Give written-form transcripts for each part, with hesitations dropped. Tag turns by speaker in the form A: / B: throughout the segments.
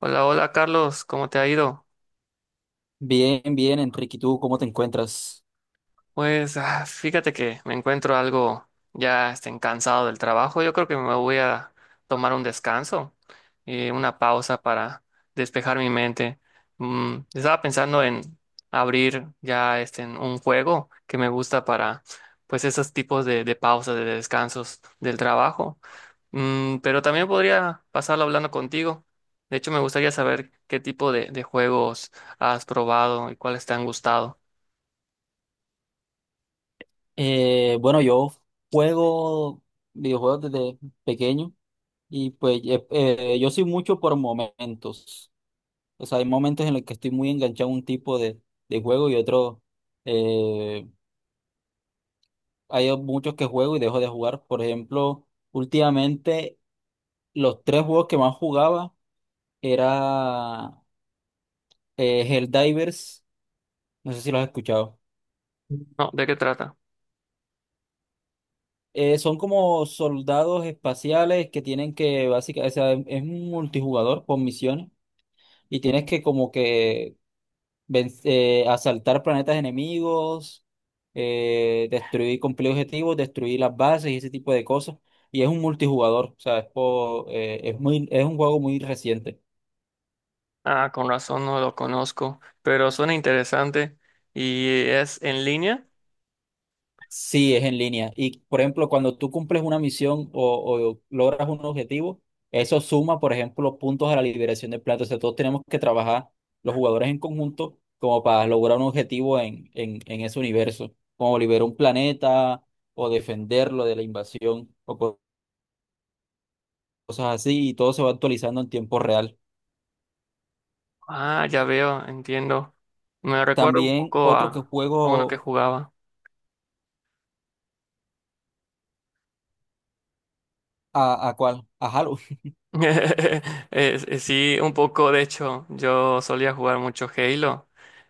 A: Hola, hola Carlos, ¿cómo te ha ido?
B: Bien, bien, Enrique, ¿y tú cómo te encuentras?
A: Pues fíjate que me encuentro algo cansado del trabajo. Yo creo que me voy a tomar un descanso, una pausa para despejar mi mente. Estaba pensando en abrir en un juego que me gusta para pues esos tipos de pausas, de descansos del trabajo. Pero también podría pasarlo hablando contigo. De hecho, me gustaría saber qué tipo de juegos has probado y cuáles te han gustado.
B: Bueno, yo juego videojuegos desde pequeño y pues yo soy mucho por momentos. O sea, hay momentos en los que estoy muy enganchado a un tipo de juego y otro. eh, Hay muchos que juego y dejo de jugar. Por ejemplo, últimamente los tres juegos que más jugaba era Helldivers. No sé si los has escuchado.
A: No, ¿de qué trata?
B: Son como soldados espaciales que tienen que, básicamente, o sea, es un multijugador con misiones y tienes que como que asaltar planetas enemigos, destruir, cumplir objetivos, destruir las bases y ese tipo de cosas. Y es un multijugador, o sea, es un juego muy reciente.
A: Ah, con razón no lo conozco, pero suena interesante. ¿Y es en línea?
B: Sí, es en línea. Y, por ejemplo, cuando tú cumples una misión o logras un objetivo, eso suma, por ejemplo, puntos a la liberación de plata. O sea, todos tenemos que trabajar los jugadores en conjunto como para lograr un objetivo en ese universo, como liberar un planeta o defenderlo de la invasión o cosas así, y todo se va actualizando en tiempo real.
A: Ah, ya veo, entiendo. Me recuerda un
B: También
A: poco
B: otro que
A: a uno que
B: juego
A: jugaba.
B: a ¿cuál? A Halo.
A: Sí, un poco, de hecho, yo solía jugar mucho Halo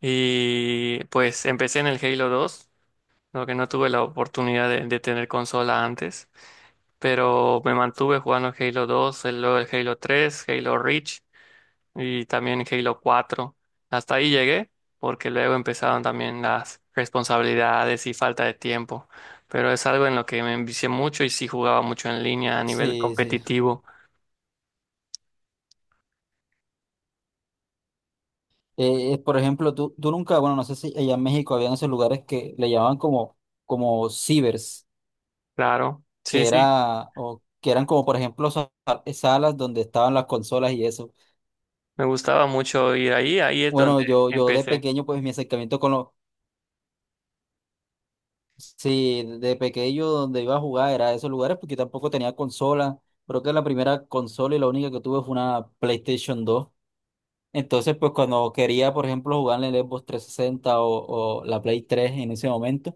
A: y pues empecé en el Halo 2, lo que no tuve la oportunidad de tener consola antes, pero me mantuve jugando Halo 2, luego el Halo 3, Halo Reach, y también Halo cuatro. Hasta ahí llegué, porque luego empezaron también las responsabilidades y falta de tiempo. Pero es algo en lo que me envicié mucho y sí jugaba mucho en línea a nivel
B: Sí, sí.
A: competitivo.
B: Por ejemplo, tú nunca, bueno, no sé si allá en México habían esos lugares que le llamaban como cibers,
A: Claro, sí,
B: que
A: sí,
B: era, o que eran como, por ejemplo, salas donde estaban las consolas y eso.
A: me gustaba mucho ir ahí, ahí es
B: Bueno,
A: donde
B: yo de
A: empecé.
B: pequeño, pues mi acercamiento con los, sí, de pequeño donde iba a jugar era a esos lugares porque tampoco tenía consola. Creo que la primera consola y la única que tuve fue una PlayStation 2. Entonces, pues cuando quería, por ejemplo, jugar en el Xbox 360 o la Play 3 en ese momento.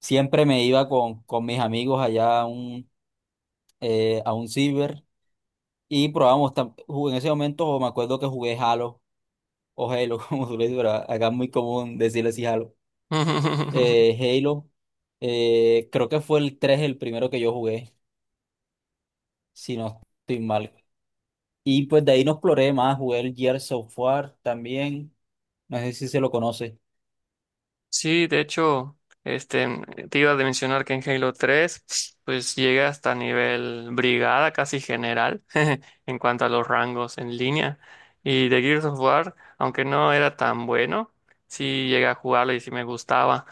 B: Siempre me iba con mis amigos allá a un ciber y probábamos, jugué en ese momento o me acuerdo que jugué Halo o Halo, como tú le dices, pero acá es muy común decirle así Halo. Halo, creo que fue el 3 el primero que yo jugué, si no estoy mal. Y pues de ahí no exploré más, jugué el Gears of War también, no sé si se lo conoce.
A: Sí, de hecho, te iba a mencionar que en Halo 3, pues llega hasta nivel brigada, casi general, en cuanto a los rangos en línea. Y de Gears of War, aunque no era tan bueno, sí llegué a jugarlo y sí me gustaba.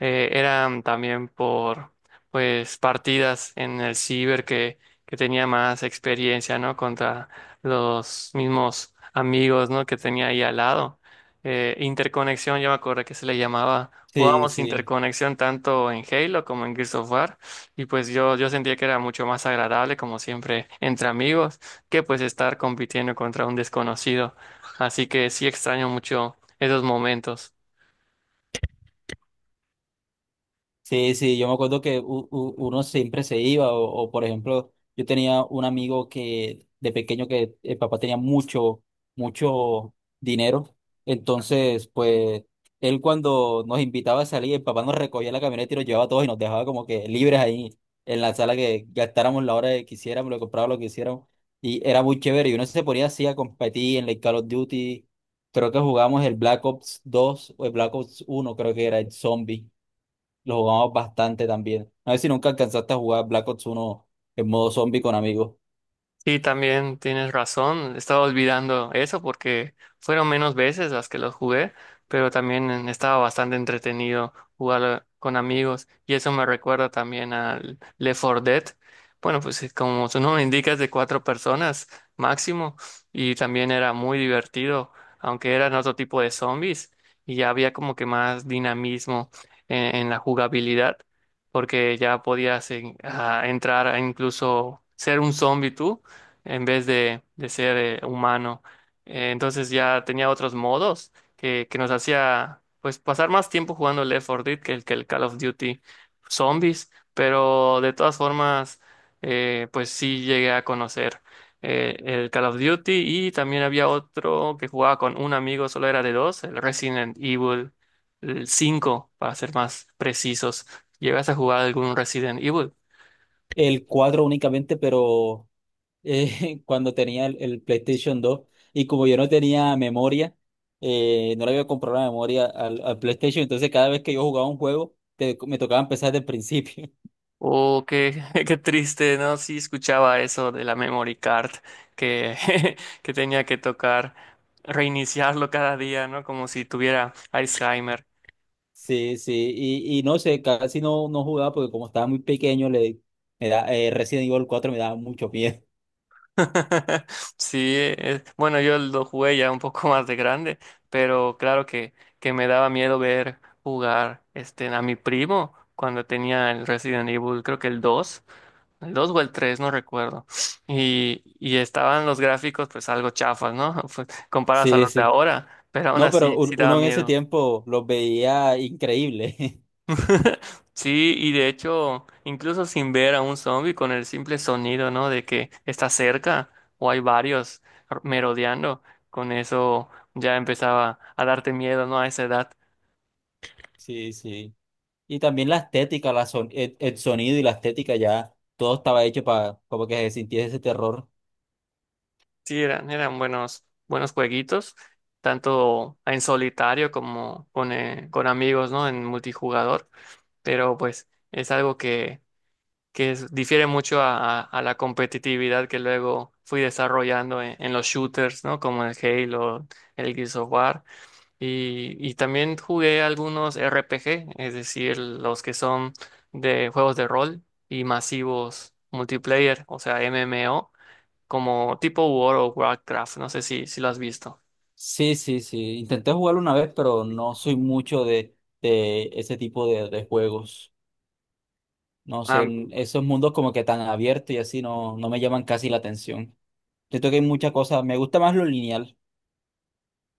A: Eran también por, pues, partidas en el ciber que tenía más experiencia, ¿no? Contra los mismos amigos, ¿no? Que tenía ahí al lado. Interconexión, yo me acuerdo que se le llamaba.
B: Sí,
A: Jugábamos
B: sí.
A: interconexión tanto en Halo como en Gears of War, y pues yo sentía que era mucho más agradable, como siempre, entre amigos, que pues estar compitiendo contra un desconocido. Así que sí extraño mucho esos momentos.
B: Sí, sí, yo me acuerdo que uno siempre se iba, por ejemplo, yo tenía un amigo que de pequeño que el papá tenía mucho, mucho dinero, entonces pues él cuando nos invitaba a salir, el papá nos recogía en la camioneta y nos llevaba a todos y nos dejaba como que libres ahí en la sala que gastáramos la hora que quisiéramos, lo que comprábamos, lo que quisiéramos, y era muy chévere, y uno se ponía así a competir en el Call of Duty, creo que jugamos el Black Ops 2 o el Black Ops 1, creo que era el Zombie. Lo jugamos bastante también. A ver si nunca alcanzaste a jugar Black Ops 1 en modo zombie con amigos.
A: Sí, también tienes razón. Estaba olvidando eso porque fueron menos veces las que los jugué, pero también estaba bastante entretenido jugar con amigos, y eso me recuerda también al Left 4 Dead. Bueno, pues sí, como su nombre indica es de cuatro personas máximo, y también era muy divertido, aunque eran otro tipo de zombies y ya había como que más dinamismo en la jugabilidad, porque ya podías en- a entrar a incluso ser un zombie tú en vez de ser humano. Entonces ya tenía otros modos que nos hacía pues pasar más tiempo jugando el Left 4 Dead que que el Call of Duty Zombies, pero de todas formas pues sí llegué a conocer el Call of Duty, y también había otro que jugaba con un amigo, solo era de dos, el Resident Evil el 5 para ser más precisos. ¿Llegas a jugar algún Resident Evil?
B: El 4 únicamente, pero cuando tenía el PlayStation 2 y como yo no tenía memoria, no le había comprado la memoria al PlayStation, entonces cada vez que yo jugaba un juego me tocaba empezar desde el principio.
A: Oh, qué, qué triste, ¿no? Sí, escuchaba eso de la memory card que, que tenía que tocar reiniciarlo cada día, ¿no? Como si tuviera Alzheimer.
B: Sí, sí, y no sé, casi no jugaba porque como estaba muy pequeño, Resident Evil 4 me daba mucho miedo.
A: Sí, bueno, yo lo jugué ya un poco más de grande, pero claro que me daba miedo ver jugar a mi primo cuando tenía el Resident Evil, creo que el dos, el 2 o el tres, no recuerdo. Y estaban los gráficos pues algo chafas, ¿no? Pues, comparados a
B: Sí,
A: los de
B: sí.
A: ahora, pero aún
B: No, pero
A: así sí daba
B: uno en ese
A: miedo.
B: tiempo los veía increíble.
A: Sí, y de hecho, incluso sin ver a un zombie, con el simple sonido, ¿no? De que está cerca o hay varios merodeando, con eso ya empezaba a darte miedo, ¿no? A esa edad.
B: Sí, sí. Y también la estética, el sonido y la estética ya, todo estaba hecho para como que se sintiera ese terror.
A: Sí, eran, eran buenos, buenos jueguitos, tanto en solitario como con amigos, ¿no? En multijugador, pero pues es algo que, difiere mucho a la competitividad que luego fui desarrollando en los shooters, ¿no? Como el Halo, el Gears of War, y también jugué algunos RPG, es decir, los que son de juegos de rol y masivos multiplayer, o sea, MMO, como tipo World of Warcraft, no sé si, si lo has visto.
B: Sí, sí, sí. Intenté jugarlo una vez, pero no soy mucho de ese tipo de juegos. No sé,
A: Ah,
B: en esos mundos como que tan abiertos y así no me llaman casi la atención. Siento que hay muchas cosas, me gusta más lo lineal.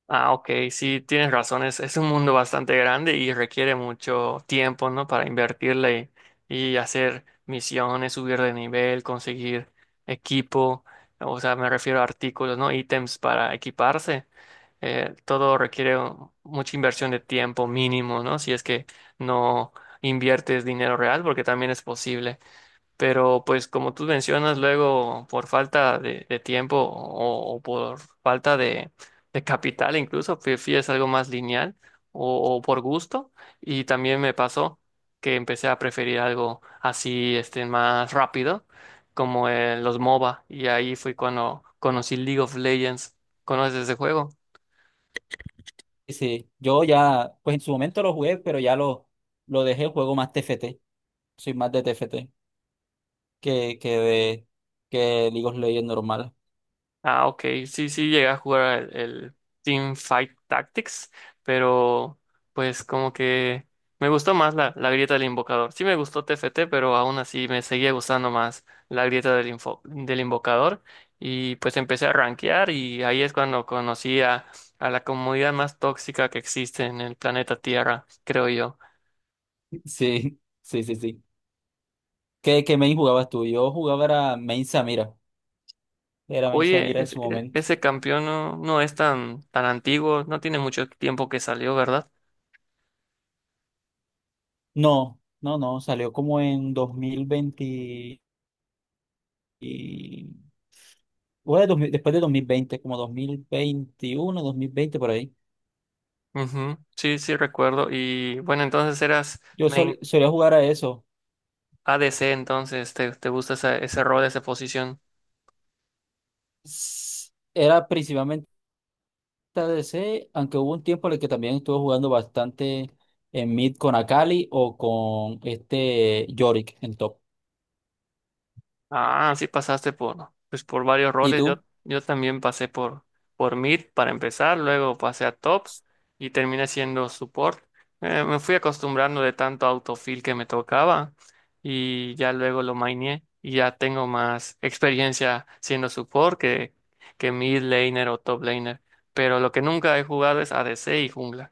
A: ah, ok, sí, tienes razón, es un mundo bastante grande y requiere mucho tiempo, ¿no? Para invertirle y hacer misiones, subir de nivel, conseguir equipo, o sea, me refiero a artículos, ¿no? Ítems para equiparse. Todo requiere mucha inversión de tiempo mínimo, ¿no? Si es que no inviertes dinero real, porque también es posible. Pero pues como tú mencionas, luego por falta de tiempo o por falta de capital incluso, prefieres algo más lineal o por gusto. Y también me pasó que empecé a preferir algo así, más rápido, como los MOBA. Y ahí fue cuando conocí League of Legends. ¿Conoces ese juego?
B: Sí, sí. Yo ya, pues en su momento lo jugué, pero ya lo dejé el juego más TFT. Soy más de TFT que de que League of Legends normal.
A: Ah, ok. Sí, sí, llegué a jugar el Team Fight Tactics, pero pues como que me gustó más la grieta del invocador. Sí me gustó TFT, pero aún así me seguía gustando más la grieta del invocador. Y pues empecé a rankear, y ahí es cuando conocí a la comunidad más tóxica que existe en el planeta Tierra, creo yo.
B: Sí, sí, sí, sí. ¿Qué main jugabas tú? Yo jugaba era main Samira. Era main
A: Oye,
B: Samira en
A: ese,
B: su momento.
A: ese campeón no, no es tan, tan antiguo, no tiene mucho tiempo que salió, ¿verdad?
B: No, no, no. Salió como en 2020 y, bueno, 2000 después de 2020, como 2021, 2020, por ahí.
A: Ujú, sí, sí, recuerdo. Y bueno, entonces eras
B: Yo
A: main
B: solía jugar a eso.
A: ADC, entonces te gusta ese rol, esa posición.
B: Era TDC, aunque hubo un tiempo en el que también estuvo jugando bastante en mid con Akali o con este Yorick en top.
A: Ah, sí pasaste por, pues, por varios
B: ¿Y
A: roles. Yo,
B: tú?
A: yo también pasé por mid para empezar, luego pasé a top y terminé siendo support. Me fui acostumbrando de tanto autofill que me tocaba y ya luego lo maineé, y ya tengo más experiencia siendo support que mid laner o top laner. Pero lo que nunca he jugado es ADC y jungla.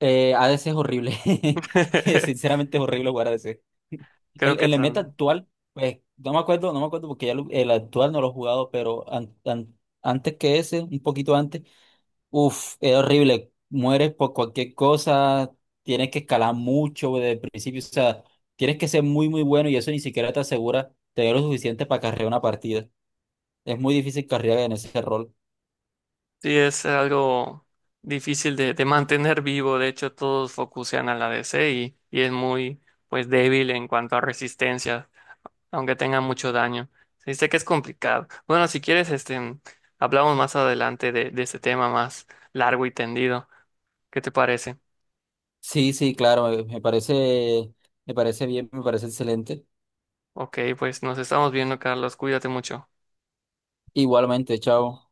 B: ADC es horrible. Sinceramente es horrible jugar ADC.
A: Creo
B: En,
A: que
B: en el meta actual, pues no me acuerdo, no me acuerdo porque ya el actual no lo he jugado, pero antes que ese, un poquito antes. Uf, es horrible. Mueres por cualquier cosa, tienes que escalar mucho desde el principio. O sea, tienes que ser muy, muy bueno y eso ni siquiera te asegura tener lo suficiente para carrear una partida. Es muy difícil carrear en ese rol.
A: sí es algo difícil de mantener vivo. De hecho, todos focusean a la DC y es muy pues débil en cuanto a resistencia, aunque tenga mucho daño. Sí, sé que es complicado. Bueno, si quieres, hablamos más adelante de este tema más largo y tendido. ¿Qué te parece?
B: Sí, sí, claro, me parece, me parece bien, me parece excelente.
A: Ok, pues nos estamos viendo, Carlos. Cuídate mucho.
B: Igualmente, chao.